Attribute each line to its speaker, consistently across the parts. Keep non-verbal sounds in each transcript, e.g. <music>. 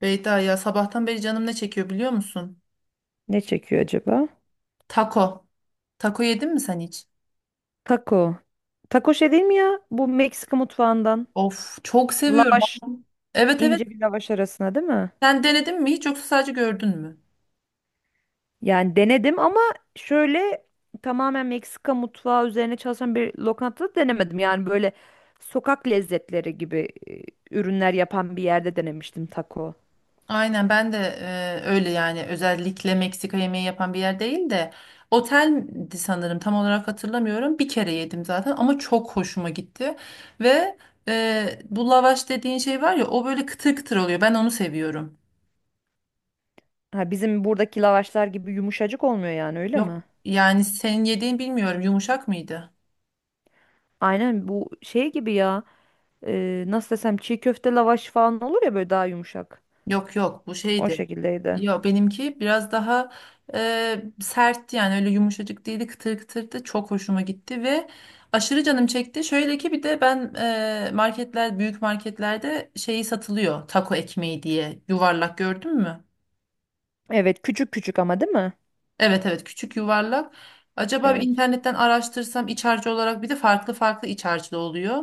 Speaker 1: Beyda ya, sabahtan beri canım ne çekiyor biliyor musun?
Speaker 2: Ne çekiyor acaba?
Speaker 1: Taco. Taco yedin mi sen hiç?
Speaker 2: Taco. Taco şey değil mi ya? Bu Meksika mutfağından.
Speaker 1: Of, çok seviyorum.
Speaker 2: Lavaş,
Speaker 1: Evet, evet.
Speaker 2: ince bir lavaş arasına değil mi?
Speaker 1: Sen denedin mi hiç yoksa sadece gördün mü?
Speaker 2: Yani denedim ama şöyle tamamen Meksika mutfağı üzerine çalışan bir lokantada denemedim. Yani böyle sokak lezzetleri gibi ürünler yapan bir yerde denemiştim taco.
Speaker 1: Aynen, ben de öyle, yani özellikle Meksika yemeği yapan bir yer değil de oteldi, sanırım tam olarak hatırlamıyorum. Bir kere yedim zaten, ama çok hoşuma gitti. Ve bu lavaş dediğin şey var ya, o böyle kıtır kıtır oluyor, ben onu seviyorum.
Speaker 2: Ha, bizim buradaki lavaşlar gibi yumuşacık olmuyor yani öyle
Speaker 1: Yok,
Speaker 2: mi?
Speaker 1: yani senin yediğin bilmiyorum, yumuşak mıydı?
Speaker 2: Aynen bu şey gibi ya. Nasıl desem, çiğ köfte lavaş falan olur ya, böyle daha yumuşak.
Speaker 1: Yok yok, bu
Speaker 2: O
Speaker 1: şeydi.
Speaker 2: şekildeydi.
Speaker 1: Yo, benimki biraz daha sertti, yani öyle yumuşacık değildi, kıtır kıtırdı, çok hoşuma gitti ve aşırı canım çekti. Şöyle ki, bir de ben marketler, büyük marketlerde şeyi satılıyor, taco ekmeği diye, yuvarlak, gördün mü?
Speaker 2: Evet, küçük küçük ama değil mi?
Speaker 1: Evet evet, küçük yuvarlak. Acaba bir
Speaker 2: Evet.
Speaker 1: internetten araştırsam, iç harcı olarak bir de farklı farklı iç harcı da oluyor.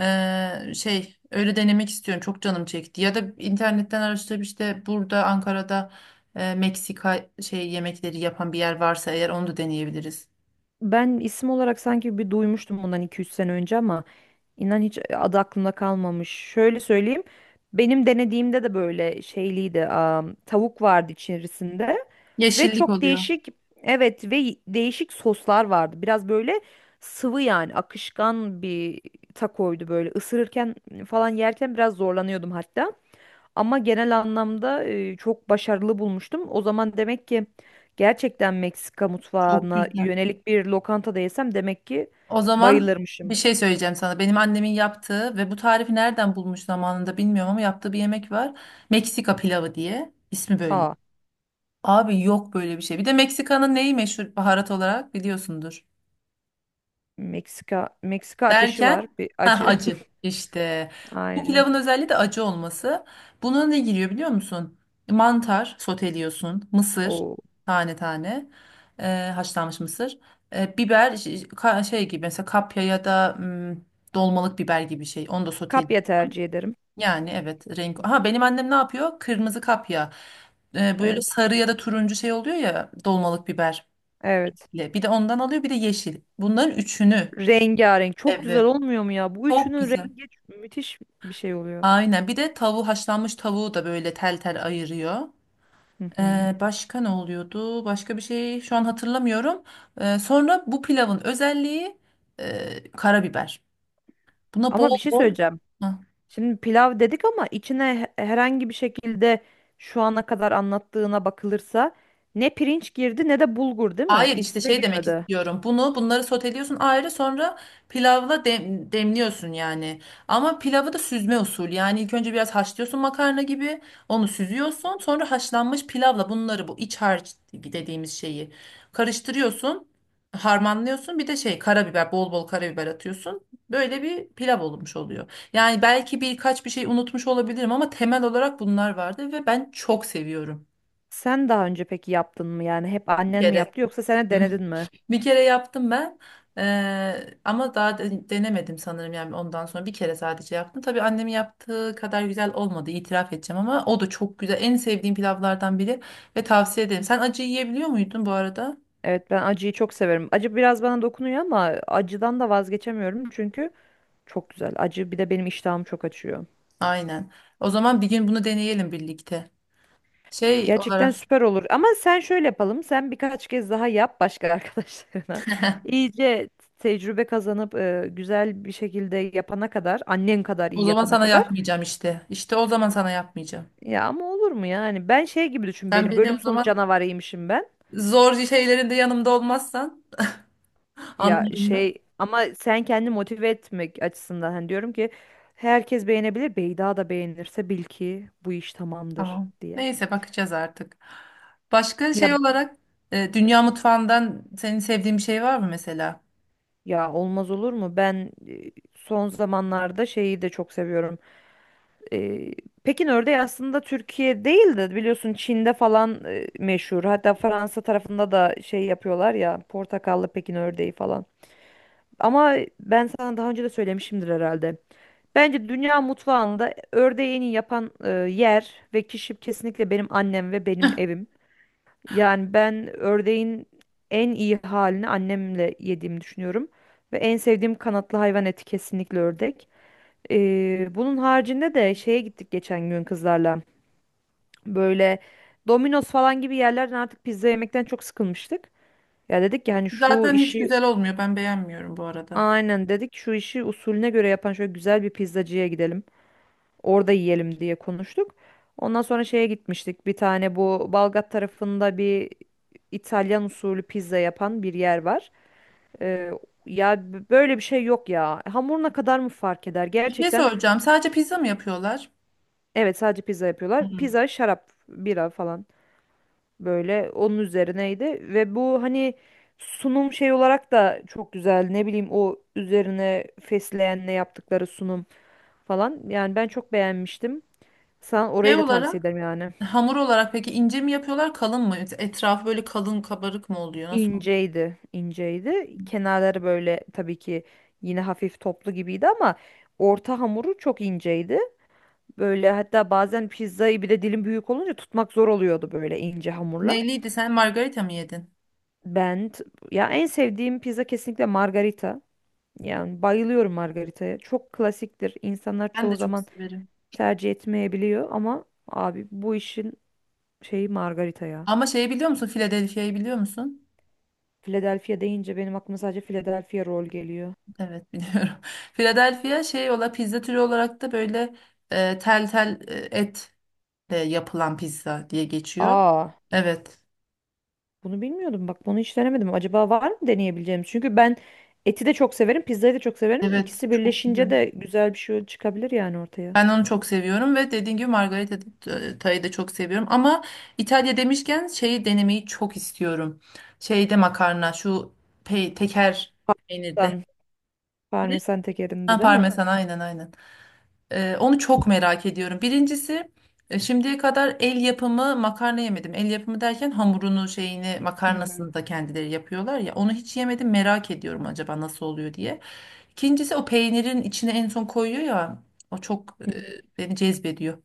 Speaker 1: Şey, öyle denemek istiyorum. Çok canım çekti. Ya da internetten araştırıp işte, burada Ankara'da Meksika şey yemekleri yapan bir yer varsa eğer, onu da deneyebiliriz.
Speaker 2: Ben isim olarak sanki bir duymuştum bundan iki üç sene önce ama inan hiç adı aklımda kalmamış. Şöyle söyleyeyim. Benim denediğimde de böyle şeyliydi. Tavuk vardı içerisinde ve
Speaker 1: Yeşillik
Speaker 2: çok
Speaker 1: oluyor.
Speaker 2: değişik, evet, ve değişik soslar vardı. Biraz böyle sıvı, yani akışkan bir takoydu böyle. Isırırken falan yerken biraz zorlanıyordum hatta. Ama genel anlamda çok başarılı bulmuştum. O zaman demek ki gerçekten Meksika
Speaker 1: Çok
Speaker 2: mutfağına
Speaker 1: güzel.
Speaker 2: yönelik bir lokantada yesem demek ki
Speaker 1: O zaman bir
Speaker 2: bayılırmışım.
Speaker 1: şey söyleyeceğim sana. Benim annemin yaptığı ve bu tarifi nereden bulmuş zamanında bilmiyorum, ama yaptığı bir yemek var. Meksika pilavı diye. İsmi böyle.
Speaker 2: Aa,
Speaker 1: Abi, yok böyle bir şey. Bir de Meksika'nın neyi meşhur baharat olarak, biliyorsundur.
Speaker 2: Meksika Meksika ateşi var,
Speaker 1: Derken,
Speaker 2: bir
Speaker 1: ha,
Speaker 2: acı.
Speaker 1: acı işte.
Speaker 2: <laughs>
Speaker 1: Bu
Speaker 2: Aynen.
Speaker 1: pilavın özelliği de acı olması. Buna ne giriyor biliyor musun? Mantar soteliyorsun, mısır,
Speaker 2: O
Speaker 1: tane tane, e, haşlanmış mısır, biber şey gibi, mesela kapya ya da dolmalık biber gibi şey. Onu da soteliyorsun.
Speaker 2: kapya tercih ederim.
Speaker 1: Yani evet, renk. Ha, benim annem ne yapıyor? Kırmızı kapya. E, böyle
Speaker 2: Evet.
Speaker 1: sarı ya da turuncu şey oluyor ya, dolmalık biberle.
Speaker 2: Evet.
Speaker 1: Bir de ondan alıyor, bir de yeşil. Bunların üçünü.
Speaker 2: Rengarenk, çok güzel
Speaker 1: Evet.
Speaker 2: olmuyor mu ya? Bu
Speaker 1: Çok
Speaker 2: üçünün
Speaker 1: güzel.
Speaker 2: rengi müthiş bir şey oluyor.
Speaker 1: Aynen. Bir de tavuğu, haşlanmış tavuğu da böyle tel tel ayırıyor.
Speaker 2: Hı hı.
Speaker 1: Başka ne oluyordu? Başka bir şey şu an hatırlamıyorum. Sonra bu pilavın özelliği karabiber. Buna
Speaker 2: Ama
Speaker 1: bol
Speaker 2: bir şey
Speaker 1: bol.
Speaker 2: söyleyeceğim.
Speaker 1: Hah.
Speaker 2: Şimdi pilav dedik ama içine herhangi bir şekilde, şu ana kadar anlattığına bakılırsa, ne pirinç girdi ne de bulgur, değil mi?
Speaker 1: Hayır, işte
Speaker 2: İkisi de
Speaker 1: şey demek
Speaker 2: girmedi.
Speaker 1: istiyorum. Bunları soteliyorsun ayrı, sonra pilavla demliyorsun yani. Ama pilavı da süzme usul. Yani ilk önce biraz haşlıyorsun makarna gibi. Onu süzüyorsun. Sonra haşlanmış pilavla bunları, bu iç harç dediğimiz şeyi karıştırıyorsun. Harmanlıyorsun. Bir de şey, karabiber, bol bol karabiber atıyorsun. Böyle bir pilav olmuş oluyor. Yani belki birkaç bir şey unutmuş olabilirim, ama temel olarak bunlar vardı ve ben çok seviyorum.
Speaker 2: Sen daha önce peki yaptın mı, yani hep
Speaker 1: Bir
Speaker 2: annen mi
Speaker 1: kere.
Speaker 2: yaptı yoksa sen de denedin mi?
Speaker 1: Bir kere yaptım ben. Ama daha denemedim sanırım, yani ondan sonra bir kere sadece yaptım. Tabii annemin yaptığı kadar güzel olmadı, itiraf edeceğim, ama o da çok güzel, en sevdiğim pilavlardan biri ve tavsiye ederim. Sen acı yiyebiliyor muydun bu arada?
Speaker 2: Evet, ben acıyı çok severim. Acı biraz bana dokunuyor ama acıdan da vazgeçemiyorum çünkü çok güzel. Acı bir de benim iştahımı çok açıyor.
Speaker 1: Aynen. O zaman bir gün bunu deneyelim birlikte. Şey
Speaker 2: Gerçekten
Speaker 1: olarak,
Speaker 2: süper olur. Ama sen şöyle yapalım. Sen birkaç kez daha yap başka arkadaşlarına. <laughs> İyice tecrübe kazanıp güzel bir şekilde yapana kadar, annen kadar
Speaker 1: o
Speaker 2: iyi
Speaker 1: zaman
Speaker 2: yapana
Speaker 1: sana
Speaker 2: kadar.
Speaker 1: yapmayacağım işte. İşte o zaman sana yapmayacağım.
Speaker 2: Ya ama olur mu yani? Ben şey gibi düşün
Speaker 1: Sen
Speaker 2: beni.
Speaker 1: beni o
Speaker 2: Bölüm sonu
Speaker 1: zaman,
Speaker 2: canavarıymışım ben.
Speaker 1: zor şeylerinde yanımda olmazsan,
Speaker 2: Ya
Speaker 1: anlarım.
Speaker 2: şey ama sen kendi motive etmek açısından, hani diyorum ki herkes beğenebilir. Beyda da beğenirse bil ki bu iş tamamdır
Speaker 1: Tamam.
Speaker 2: diye.
Speaker 1: Neyse, bakacağız artık. Başka
Speaker 2: Ya
Speaker 1: şey olarak, dünya mutfağından senin sevdiğin bir şey var mı mesela?
Speaker 2: ya olmaz olur mu? Ben son zamanlarda şeyi de çok seviyorum. Ee, Pekin ördeği aslında Türkiye değil de biliyorsun Çin'de falan meşhur. Hatta Fransa tarafında da şey yapıyorlar ya, portakallı Pekin ördeği falan. Ama ben sana daha önce de söylemişimdir herhalde. Bence dünya mutfağında ördeği en iyi yapan yer ve kişi kesinlikle benim annem ve benim evim. Yani ben ördeğin en iyi halini annemle yediğimi düşünüyorum. Ve en sevdiğim kanatlı hayvan eti kesinlikle ördek. Bunun haricinde de şeye gittik geçen gün kızlarla. Böyle Domino's falan gibi yerlerden artık pizza yemekten çok sıkılmıştık. Ya dedik ki hani şu
Speaker 1: Zaten hiç
Speaker 2: işi,
Speaker 1: güzel olmuyor. Ben beğenmiyorum bu arada.
Speaker 2: aynen dedik, şu işi usulüne göre yapan şöyle güzel bir pizzacıya gidelim. Orada yiyelim diye konuştuk. Ondan sonra şeye gitmiştik. Bir tane bu Balgat tarafında bir İtalyan usulü pizza yapan bir yer var. Ee, Ya böyle bir şey yok ya. Hamuruna kadar mı fark eder?
Speaker 1: Bir şey
Speaker 2: Gerçekten
Speaker 1: soracağım. Sadece pizza mı yapıyorlar?
Speaker 2: evet, sadece pizza yapıyorlar.
Speaker 1: Hı.
Speaker 2: Pizza, şarap, bira falan. Böyle onun üzerineydi ve bu hani sunum şey olarak da çok güzel. Ne bileyim, o üzerine fesleğenle yaptıkları sunum falan. Yani ben çok beğenmiştim. Sana
Speaker 1: Şey
Speaker 2: orayı da tavsiye
Speaker 1: olarak,
Speaker 2: ederim yani.
Speaker 1: hamur olarak peki, ince mi yapıyorlar kalın mı? Etrafı böyle kalın, kabarık mı oluyor? Nasıl?
Speaker 2: İnceydi, inceydi. Kenarları böyle tabii ki yine hafif toplu gibiydi ama orta hamuru çok inceydi. Böyle hatta bazen pizzayı, bir de dilim büyük olunca, tutmak zor oluyordu böyle ince hamurla.
Speaker 1: Neyliydi, sen margarita mı yedin?
Speaker 2: Ben t- Ya, en sevdiğim pizza kesinlikle margarita. Yani bayılıyorum margaritaya. Çok klasiktir. İnsanlar
Speaker 1: Ben de
Speaker 2: çoğu
Speaker 1: çok
Speaker 2: zaman
Speaker 1: severim.
Speaker 2: tercih etmeyebiliyor ama abi bu işin şeyi margarita ya.
Speaker 1: Ama şeyi biliyor musun? Philadelphia'yı biliyor musun?
Speaker 2: Philadelphia deyince benim aklıma sadece Philadelphia roll geliyor.
Speaker 1: Evet, biliyorum. <laughs> Philadelphia şey ola, pizza türü olarak da böyle tel tel et yapılan pizza diye geçiyor.
Speaker 2: Aa,
Speaker 1: Evet.
Speaker 2: bunu bilmiyordum. Bak, bunu hiç denemedim. Acaba var mı deneyebileceğim? Çünkü ben eti de çok severim, pizzayı da çok severim.
Speaker 1: Evet,
Speaker 2: İkisi
Speaker 1: çok güzel.
Speaker 2: birleşince de güzel bir şey çıkabilir yani ortaya.
Speaker 1: Ben onu çok seviyorum ve dediğim gibi Margarita Tay'ı da çok seviyorum. Ama İtalya demişken şeyi denemeyi çok istiyorum. Şeyde, makarna şu, pe teker, peynirde.
Speaker 2: Parmesan,
Speaker 1: Ne?
Speaker 2: parmesan tekerinde
Speaker 1: Ha,
Speaker 2: değil mi?
Speaker 1: parmesan, aynen aynen. Onu çok merak ediyorum. Birincisi, şimdiye kadar el yapımı makarna yemedim. El yapımı derken, hamurunu, şeyini,
Speaker 2: Hı hı.
Speaker 1: makarnasını da kendileri yapıyorlar ya. Onu hiç yemedim, merak ediyorum acaba nasıl oluyor diye. İkincisi, o peynirin içine en son koyuyor ya. O çok
Speaker 2: Hı hı.
Speaker 1: beni cezbediyor.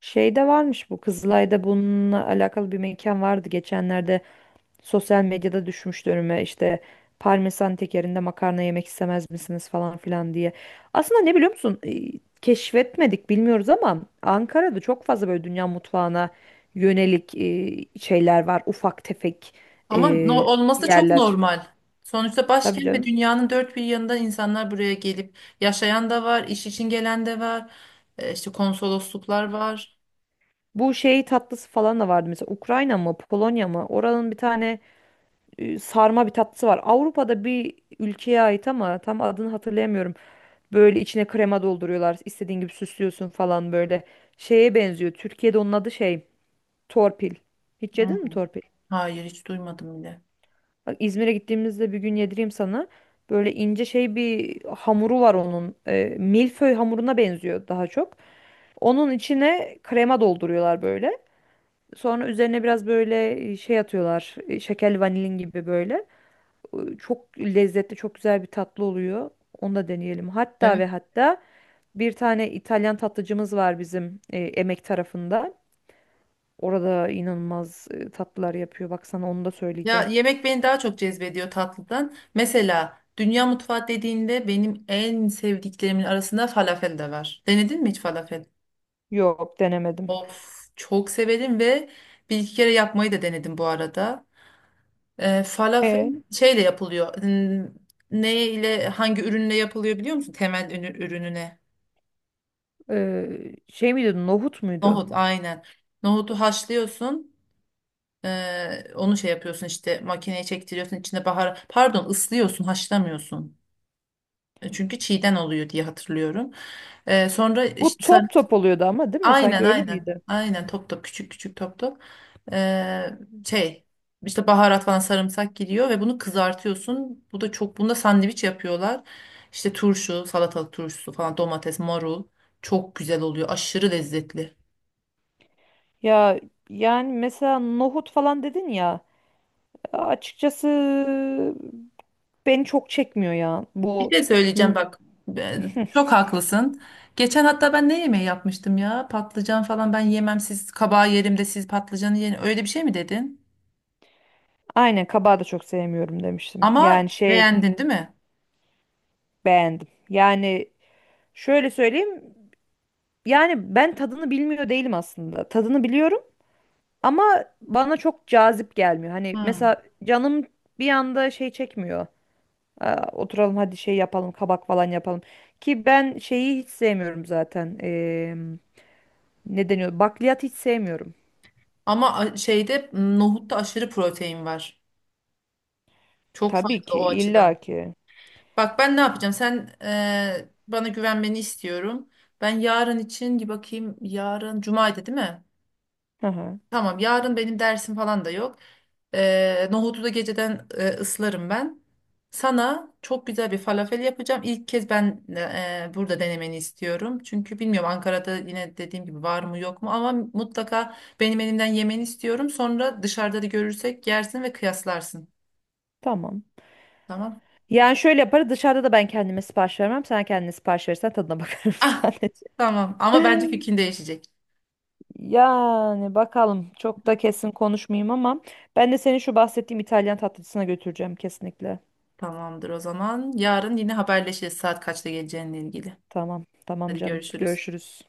Speaker 2: Şeyde varmış, bu Kızılay'da bununla alakalı bir mekan vardı geçenlerde. Sosyal medyada düşmüştü önüme, işte parmesan tekerinde makarna yemek istemez misiniz falan filan diye. Aslında ne biliyor musun? Keşfetmedik, bilmiyoruz, ama Ankara'da çok fazla böyle dünya mutfağına yönelik şeyler var. Ufak tefek e,
Speaker 1: Ama olması da çok
Speaker 2: yerler.
Speaker 1: normal. Sonuçta
Speaker 2: Tabii
Speaker 1: başkent ve
Speaker 2: canım.
Speaker 1: dünyanın dört bir yanından insanlar buraya gelip yaşayan da var, iş için gelen de var. E, işte konsolosluklar var.
Speaker 2: Bu şey tatlısı falan da vardı, mesela Ukrayna mı Polonya mı, oranın bir tane sarma bir tatlısı var. Avrupa'da bir ülkeye ait ama tam adını hatırlayamıyorum. Böyle içine krema dolduruyorlar. İstediğin gibi süslüyorsun falan böyle. Şeye benziyor. Türkiye'de onun adı şey. Torpil. Hiç
Speaker 1: Hı.
Speaker 2: yedin mi torpil?
Speaker 1: Hayır, hiç duymadım bile.
Speaker 2: Bak, İzmir'e gittiğimizde bir gün yedireyim sana. Böyle ince şey bir hamuru var onun. Milföy hamuruna benziyor daha çok. Onun içine krema dolduruyorlar böyle. Sonra üzerine biraz böyle şey atıyorlar. Şekerli vanilin gibi böyle. Çok lezzetli, çok güzel bir tatlı oluyor. Onu da deneyelim. Hatta
Speaker 1: Evet.
Speaker 2: ve hatta bir tane İtalyan tatlıcımız var bizim Emek tarafında. Orada inanılmaz tatlılar yapıyor. Bak, sana onu da
Speaker 1: Ya,
Speaker 2: söyleyeceğim.
Speaker 1: yemek beni daha çok cezbediyor tatlıdan. Mesela dünya mutfağı dediğinde benim en sevdiklerimin arasında falafel de var. Denedin mi hiç falafel?
Speaker 2: Yok, denemedim.
Speaker 1: Of, çok severim ve bir iki kere yapmayı da denedim bu arada. Falafel
Speaker 2: E,
Speaker 1: şeyle yapılıyor. Ne ile, hangi ürünle yapılıyor biliyor musun? Temel ürününe.
Speaker 2: Şey miydi, nohut muydu?
Speaker 1: Nohut, aynen. Nohutu haşlıyorsun. Onu şey yapıyorsun işte, makineye çektiriyorsun, içine bahar, pardon, ıslıyorsun, haşlamıyorsun. E, çünkü çiğden oluyor diye hatırlıyorum. Sonra
Speaker 2: Bu
Speaker 1: işte,
Speaker 2: top top oluyordu ama değil mi? Sanki
Speaker 1: aynen
Speaker 2: öyle
Speaker 1: aynen.
Speaker 2: miydi?
Speaker 1: Aynen, top top, küçük küçük top top. Ee, Şey, işte baharat falan, sarımsak gidiyor ve bunu kızartıyorsun. Bu da çok, bunda sandviç yapıyorlar. İşte turşu, salatalık turşusu falan, domates, marul, çok güzel oluyor. Aşırı lezzetli.
Speaker 2: Ya yani mesela nohut falan dedin ya, açıkçası beni çok çekmiyor ya.
Speaker 1: Bir
Speaker 2: Bu
Speaker 1: şey söyleyeceğim bak. Çok haklısın. Geçen, hatta, ben ne yemeği yapmıştım ya? Patlıcan falan ben yemem, siz kabağı yerim de siz patlıcanı yerin. Öyle bir şey mi dedin?
Speaker 2: aynen, kabağı da çok sevmiyorum demiştim.
Speaker 1: Ama
Speaker 2: Yani şey,
Speaker 1: beğendin değil mi?
Speaker 2: beğendim. Yani şöyle söyleyeyim. Yani ben tadını bilmiyor değilim aslında. Tadını biliyorum ama bana çok cazip gelmiyor. Hani
Speaker 1: Hı.
Speaker 2: mesela canım bir anda şey çekmiyor. Aa, oturalım hadi şey yapalım, kabak falan yapalım. Ki ben şeyi hiç sevmiyorum zaten. Ne deniyor? Bakliyat hiç sevmiyorum.
Speaker 1: Ama şeyde, nohutta aşırı protein var. Çok
Speaker 2: Tabii
Speaker 1: faydalı
Speaker 2: ki,
Speaker 1: o açıdan.
Speaker 2: illa ki.
Speaker 1: Bak ben ne yapacağım? Sen, bana güvenmeni istiyorum. Ben yarın için bir bakayım. Yarın cumaydı değil mi?
Speaker 2: Hı hı,
Speaker 1: Tamam, yarın benim dersim falan da yok. Nohutu da geceden ıslarım ben. Sana çok güzel bir falafel yapacağım. İlk kez ben, burada denemeni istiyorum. Çünkü bilmiyorum Ankara'da, yine dediğim gibi var mı yok mu, ama mutlaka benim elimden yemeni istiyorum. Sonra dışarıda da görürsek yersin ve kıyaslarsın.
Speaker 2: tamam.
Speaker 1: Tamam.
Speaker 2: Yani şöyle yaparız, dışarıda da ben kendime sipariş vermem. Sen kendine sipariş verirsen tadına bakarım <laughs>
Speaker 1: Ah,
Speaker 2: sadece.
Speaker 1: tamam, ama bence fikrin değişecek.
Speaker 2: Yani bakalım, çok da kesin konuşmayayım ama ben de seni şu bahsettiğim İtalyan tatlıcısına götüreceğim kesinlikle.
Speaker 1: Tamamdır o zaman. Yarın yine haberleşiriz saat kaçta geleceğinle ilgili.
Speaker 2: Tamam tamam
Speaker 1: Hadi,
Speaker 2: canım,
Speaker 1: görüşürüz.
Speaker 2: görüşürüz.